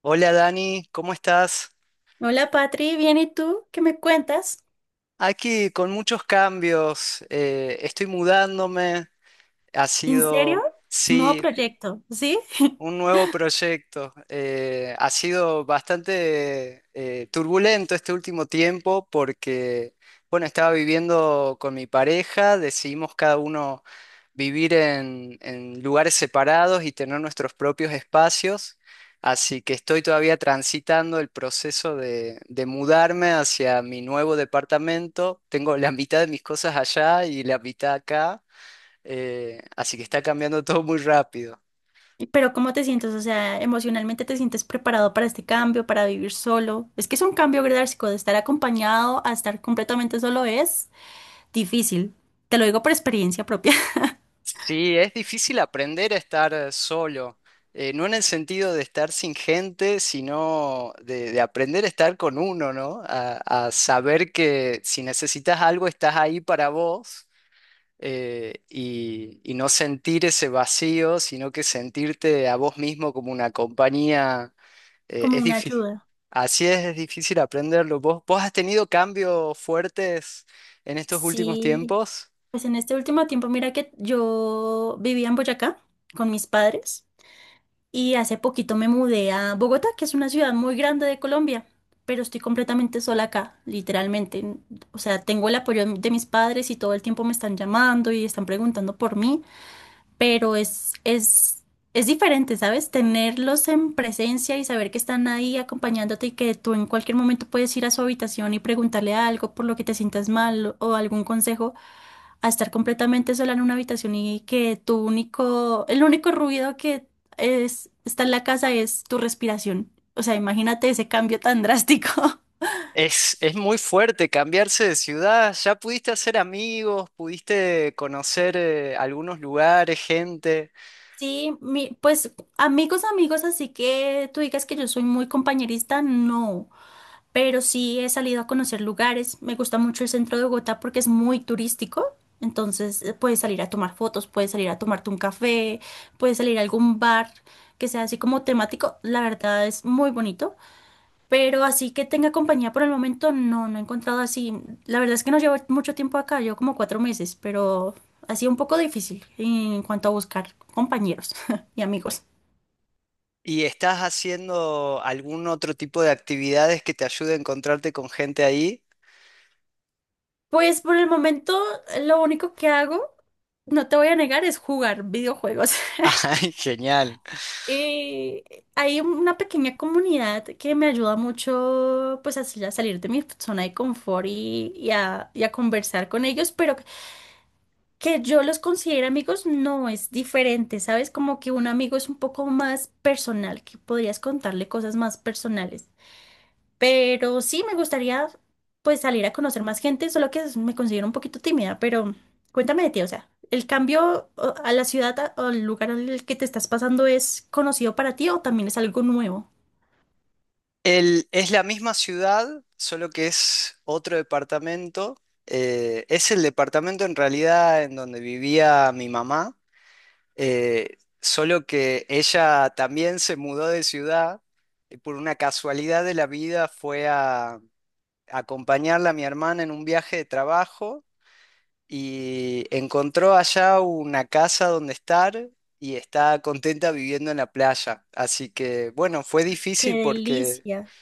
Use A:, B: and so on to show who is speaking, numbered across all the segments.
A: Hola Dani, ¿cómo estás?
B: Hola Patri, bien, ¿y tú? ¿Qué me cuentas?
A: Aquí con muchos cambios, estoy mudándome, ha
B: ¿En serio?
A: sido,
B: Es un nuevo
A: sí,
B: proyecto, ¿sí?
A: un nuevo proyecto. Ha sido bastante turbulento este último tiempo porque, bueno, estaba viviendo con mi pareja, decidimos cada uno vivir en lugares separados y tener nuestros propios espacios. Así que estoy todavía transitando el proceso de mudarme hacia mi nuevo departamento. Tengo la mitad de mis cosas allá y la mitad acá. Así que está cambiando todo muy rápido.
B: Pero ¿cómo te sientes? O sea, emocionalmente te sientes preparado para este cambio, para vivir solo. Es que es un cambio drástico, de estar acompañado a estar completamente solo es difícil. Te lo digo por experiencia propia,
A: Sí, es difícil aprender a estar solo, no en el sentido de estar sin gente, sino de aprender a estar con uno, ¿no? A saber que si necesitas algo estás ahí para vos, y no sentir ese vacío, sino que sentirte a vos mismo como una compañía,
B: como
A: es
B: una
A: difícil.
B: ayuda.
A: Así es difícil aprenderlo. Vos has tenido cambios fuertes en estos últimos
B: Sí,
A: tiempos?
B: pues en este último tiempo, mira que yo vivía en Boyacá con mis padres. Y hace poquito me mudé a Bogotá, que es una ciudad muy grande de Colombia, pero estoy completamente sola acá, literalmente. O sea, tengo el apoyo de mis padres y todo el tiempo me están llamando y están preguntando por mí, pero es diferente, ¿sabes? Tenerlos en presencia y saber que están ahí acompañándote y que tú en cualquier momento puedes ir a su habitación y preguntarle algo por lo que te sientas mal o algún consejo, a estar completamente sola en una habitación y que tu único, el único ruido que es, está en la casa es tu respiración. O sea, imagínate ese cambio tan drástico.
A: Es muy fuerte cambiarse de ciudad. Ya pudiste hacer amigos, pudiste conocer algunos lugares, gente,
B: Sí, pues amigos, amigos, así que tú digas que yo soy muy compañerista, no. Pero sí he salido a conocer lugares. Me gusta mucho el centro de Bogotá porque es muy turístico. Entonces puedes salir a tomar fotos, puedes salir a tomarte un café, puedes salir a algún bar que sea así como temático. La verdad es muy bonito. Pero así que tenga compañía por el momento, no, no he encontrado así. La verdad es que no llevo mucho tiempo acá, llevo como 4 meses, pero ha sido un poco difícil en cuanto a buscar compañeros y amigos.
A: y estás haciendo algún otro tipo de actividades que te ayude a encontrarte con gente ahí.
B: Pues por el momento lo único que hago, no te voy a negar, es jugar videojuegos.
A: Ay, genial.
B: Hay una pequeña comunidad que me ayuda mucho pues así a salir de mi zona de confort y a conversar con ellos, pero que yo los considere amigos no es diferente, ¿sabes? Como que un amigo es un poco más personal, que podrías contarle cosas más personales. Pero sí me gustaría pues salir a conocer más gente, solo que me considero un poquito tímida, pero cuéntame de ti, o sea, ¿el cambio a la ciudad o al lugar al que te estás pasando es conocido para ti o también es algo nuevo?
A: Es la misma ciudad, solo que es otro departamento. Es el departamento en realidad en donde vivía mi mamá. Solo que ella también se mudó de ciudad y por una casualidad de la vida fue a acompañarla a mi hermana en un viaje de trabajo y encontró allá una casa donde estar y está contenta viviendo en la playa. Así que bueno, fue
B: Qué
A: difícil porque
B: delicia,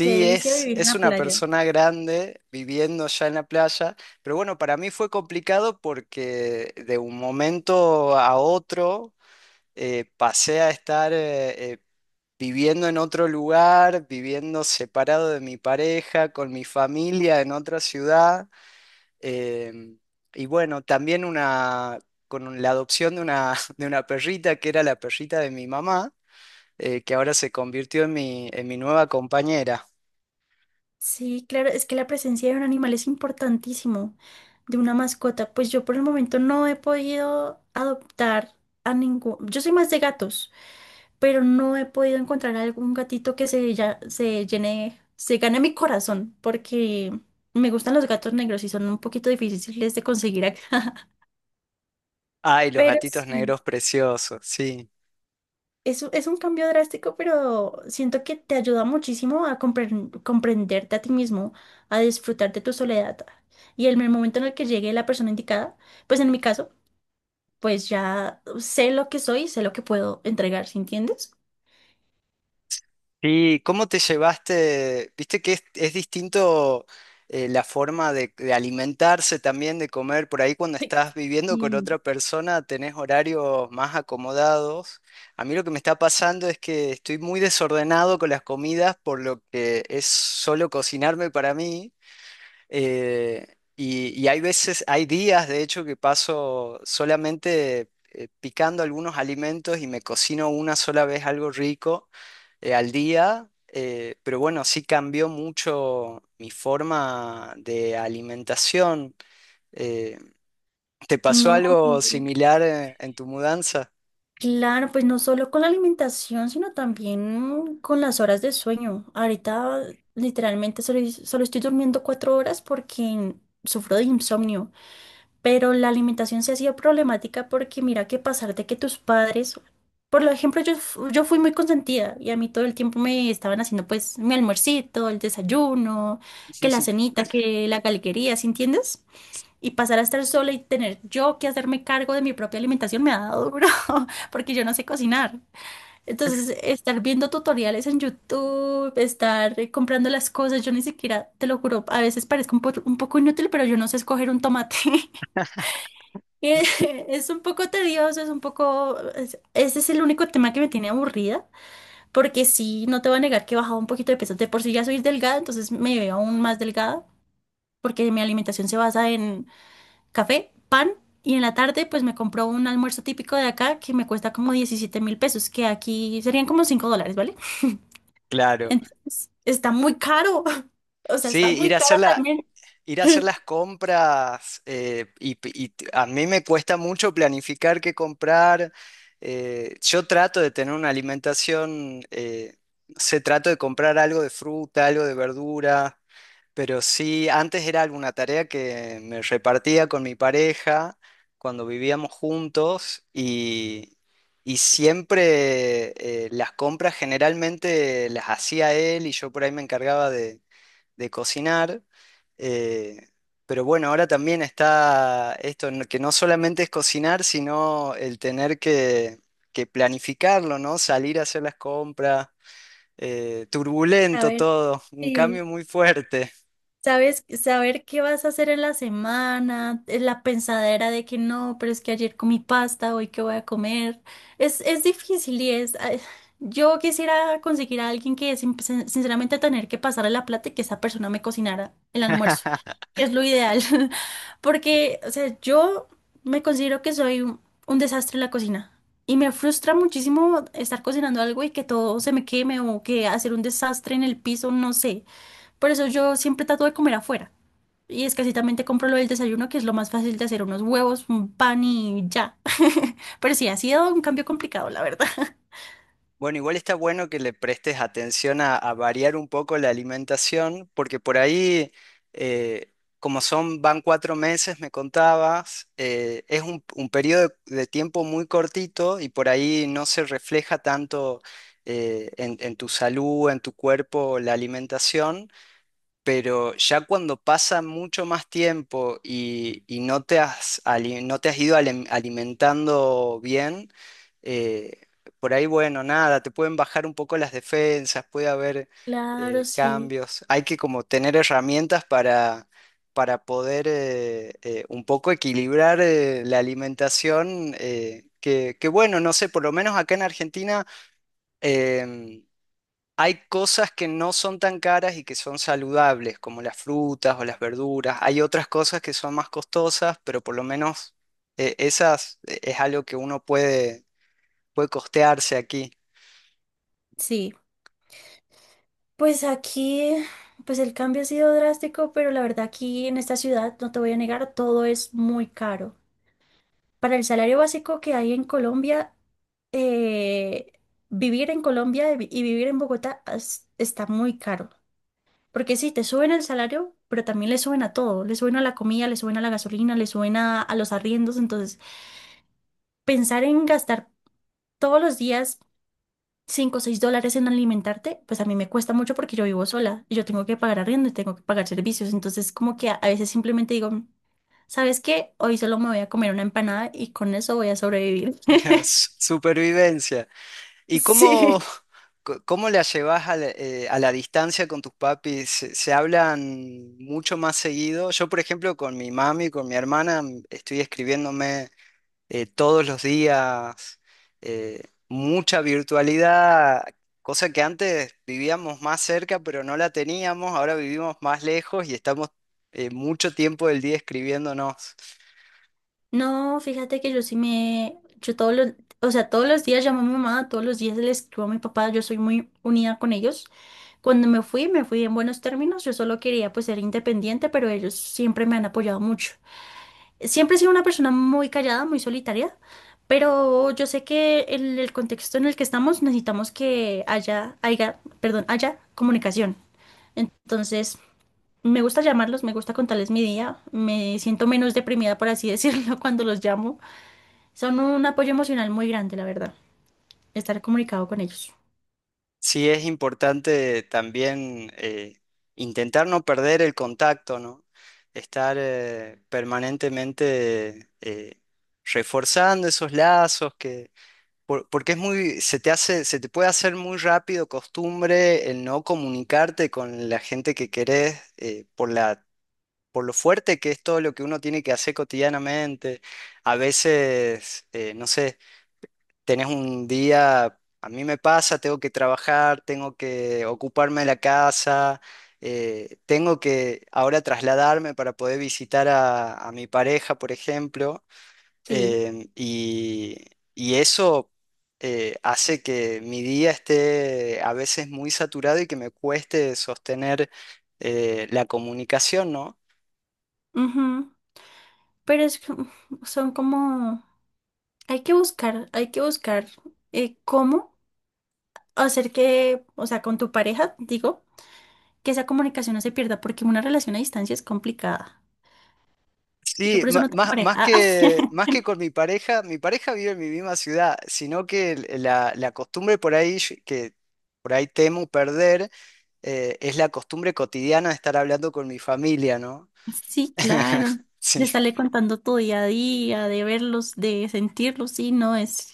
B: qué delicia vivir en
A: es
B: la
A: una
B: playa.
A: persona grande viviendo ya en la playa. Pero bueno, para mí fue complicado porque de un momento a otro pasé a estar viviendo en otro lugar, viviendo separado de mi pareja, con mi familia en otra ciudad. em, y bueno, también una, con la adopción de una, de una perrita que era la perrita de mi mamá, que ahora se convirtió en en mi nueva compañera.
B: Sí, claro, es que la presencia de un animal es importantísimo, de una mascota. Pues yo por el momento no he podido adoptar a ningún. Yo soy más de gatos, pero no he podido encontrar algún gatito que se llene, se gane mi corazón, porque me gustan los gatos negros y son un poquito difíciles de conseguir acá.
A: Ay, los
B: Pero
A: gatitos
B: sí,
A: negros preciosos, sí.
B: es un cambio drástico, pero siento que te ayuda muchísimo a comprenderte a ti mismo, a disfrutar de tu soledad. Y en el momento en el que llegue la persona indicada, pues en mi caso, pues ya sé lo que soy, sé lo que puedo entregar, ¿sí entiendes?
A: Sí, ¿cómo te llevaste? Viste que es distinto la forma de alimentarse también, de comer. Por ahí cuando estás viviendo con
B: Sí.
A: otra persona tenés horarios más acomodados. A mí lo que me está pasando es que estoy muy desordenado con las comidas, por lo que es solo cocinarme para mí. Eh, y hay veces, hay días de hecho que paso solamente picando algunos alimentos y me cocino una sola vez algo rico al día. Pero bueno, sí cambió mucho mi forma de alimentación. Eh, ¿Te pasó
B: No.
A: algo similar en tu mudanza?
B: Claro, pues no solo con la alimentación, sino también con las horas de sueño. Ahorita literalmente solo estoy durmiendo 4 horas porque sufro de insomnio, pero la alimentación se ha sido problemática porque mira que pasar de que tus padres, por ejemplo, yo fui muy consentida y a mí todo el tiempo me estaban haciendo pues mi almuercito, el desayuno, que la cenita, que la galguería, ¿sí entiendes? Y pasar a estar sola y tener yo que hacerme cargo de mi propia alimentación me ha dado duro, porque yo no sé cocinar. Entonces, estar viendo tutoriales en YouTube, estar comprando las cosas, yo ni siquiera, te lo juro, a veces parezco un poco inútil, pero yo no sé escoger un tomate. Y es un poco tedioso, es un poco... Ese es el único tema que me tiene aburrida, porque sí, no te voy a negar que he bajado un poquito de peso. De por sí ya soy delgada, entonces me veo aún más delgada, porque mi alimentación se basa en café, pan y en la tarde pues me compró un almuerzo típico de acá que me cuesta como 17.000 pesos, que aquí serían como $5, ¿vale?
A: Claro,
B: Entonces, está muy caro, o sea, está
A: sí, ir
B: muy
A: a
B: caro
A: hacerla.
B: también.
A: Ir a hacer las compras a mí me cuesta mucho planificar qué comprar. Yo trato de tener una alimentación, no sé, trato de comprar algo de fruta, algo de verdura, pero sí, antes era alguna tarea que me repartía con mi pareja cuando vivíamos juntos y siempre las compras generalmente las hacía él y yo por ahí me encargaba de cocinar. eh, pero bueno, ahora también está esto, que no solamente es cocinar, sino el tener que planificarlo, ¿no? Salir a hacer las compras,
B: A
A: turbulento
B: ver.
A: todo, un
B: Sí.
A: cambio muy fuerte.
B: Sabes, saber qué vas a hacer en la semana, la pensadera de que no, pero es que ayer comí pasta, hoy qué voy a comer. Es difícil y es. Ay, yo quisiera conseguir a alguien que sinceramente tener que pasarle la plata y que esa persona me cocinara el almuerzo. Que es lo ideal. Porque, o sea, yo me considero que soy un desastre en la cocina. Y me frustra muchísimo estar cocinando algo y que todo se me queme o que hacer un desastre en el piso, no sé. Por eso yo siempre trato de comer afuera. Y escasitamente compro lo del desayuno, que es lo más fácil de hacer, unos huevos, un pan y ya. Pero sí, ha sido un cambio complicado, la verdad.
A: Bueno, igual está bueno que le prestes atención a variar un poco la alimentación, porque por ahí, eh, como son, van 4 meses, me contabas, es un periodo de tiempo muy cortito y por ahí no se refleja tanto en tu salud, en tu cuerpo, la alimentación, pero ya cuando pasa mucho más tiempo y no te has, no te has ido alimentando bien, eh, por ahí, bueno, nada, te pueden bajar un poco las defensas, puede haber
B: Claro, sí.
A: cambios. Hay que como tener herramientas para poder un poco equilibrar la alimentación, que bueno, no sé, por lo menos acá en Argentina... em, Hay cosas que no son tan caras y que son saludables, como las frutas o las verduras. Hay otras cosas que son más costosas, pero por lo menos esas es algo que uno puede, puede costearse aquí.
B: Sí. Pues aquí, pues el cambio ha sido drástico, pero la verdad aquí en esta ciudad, no te voy a negar, todo es muy caro. Para el salario básico que hay en Colombia, eh, vivir en Colombia y vivir en Bogotá está muy caro. Porque sí, te suben el salario, pero también le suben a todo. Le suben a la comida, le suben a la gasolina, le suben a los arriendos. Entonces, pensar en gastar todos los días cinco o 6 dólares en alimentarte, pues a mí me cuesta mucho porque yo vivo sola y yo tengo que pagar arriendo y tengo que pagar servicios. Entonces, como que a veces simplemente digo, "Mm, ¿sabes qué? Hoy solo me voy a comer una empanada y con eso voy a sobrevivir".
A: Supervivencia. ¿Y
B: Sí.
A: cómo la llevas a la a la distancia con tus papis? Se hablan mucho más seguido? Yo, por ejemplo, con mi mami, con mi hermana, estoy escribiéndome. Todos los días, mucha virtualidad, cosa que antes vivíamos más cerca, pero no la teníamos, ahora vivimos más lejos y estamos mucho tiempo del día escribiéndonos.
B: No, fíjate que yo sí me, yo todos los, o sea, todos los días llamo a mi mamá, todos los días le escribo a mi papá, yo soy muy unida con ellos. Cuando me fui en buenos términos. Yo solo quería pues ser independiente, pero ellos siempre me han apoyado mucho. Siempre he sido una persona muy callada, muy solitaria, pero yo sé que en el contexto en el que estamos necesitamos que haya comunicación. Entonces, me gusta llamarlos, me gusta contarles mi día. Me siento menos deprimida, por así decirlo, cuando los llamo. Son un apoyo emocional muy grande, la verdad, estar comunicado con ellos.
A: Sí es importante también intentar no perder el contacto, ¿no? Estar permanentemente reforzando esos lazos que porque es muy, se te hace, se te puede hacer muy rápido costumbre el no comunicarte con la gente que querés, por lo fuerte que es todo lo que uno tiene que hacer cotidianamente. A veces, no sé, tenés un día, a mí me pasa, tengo que trabajar, tengo que ocuparme de la casa, tengo que ahora trasladarme para poder visitar a mi pareja, por ejemplo.
B: Sí.
A: Em, y, y eso hace que mi día esté a veces muy saturado y que me cueste sostener la comunicación, ¿no?
B: Ujú. Pero es, que, son como. Hay que buscar cómo hacer que, o sea, con tu pareja, digo, que esa comunicación no se pierda, porque una relación a distancia es complicada. Yo
A: Sí,
B: por eso no tengo
A: más,
B: pareja.
A: más que con mi pareja vive en mi misma ciudad, sino que la costumbre por ahí que por ahí temo perder, es la costumbre cotidiana de estar hablando con mi familia, ¿no?
B: Sí, claro. De
A: Sí.
B: estarle contando tu día a día, de verlos, de sentirlos, sí, no,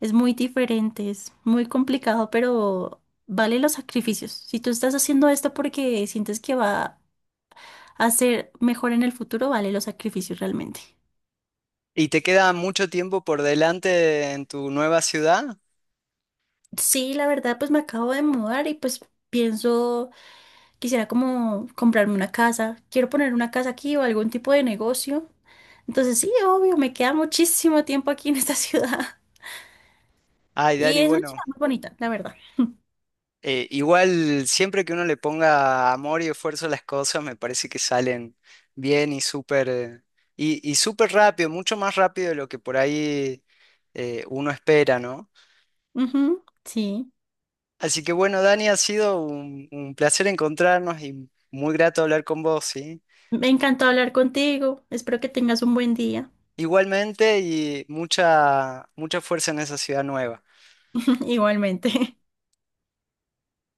B: es muy diferente, es muy complicado, pero vale los sacrificios. Si tú estás haciendo esto porque sientes que va a ser mejor en el futuro, vale los sacrificios realmente.
A: ¿Y te queda mucho tiempo por delante en tu nueva ciudad?
B: Sí, la verdad, pues me acabo de mudar y pues pienso, quisiera como comprarme una casa. Quiero poner una casa aquí o algún tipo de negocio. Entonces sí, obvio, me queda muchísimo tiempo aquí en esta ciudad.
A: Ay,
B: Y
A: Dani,
B: es una
A: bueno,
B: ciudad muy bonita, la verdad.
A: igual siempre que uno le ponga amor y esfuerzo a las cosas, me parece que salen bien y súper y súper rápido, mucho más rápido de lo que por ahí uno espera, ¿no?
B: Ujú, sí.
A: Así que bueno, Dani, ha sido un placer encontrarnos y muy grato hablar con vos, ¿sí?
B: Me encantó hablar contigo. Espero que tengas un buen día.
A: Igualmente y mucha mucha fuerza en esa ciudad nueva.
B: Igualmente.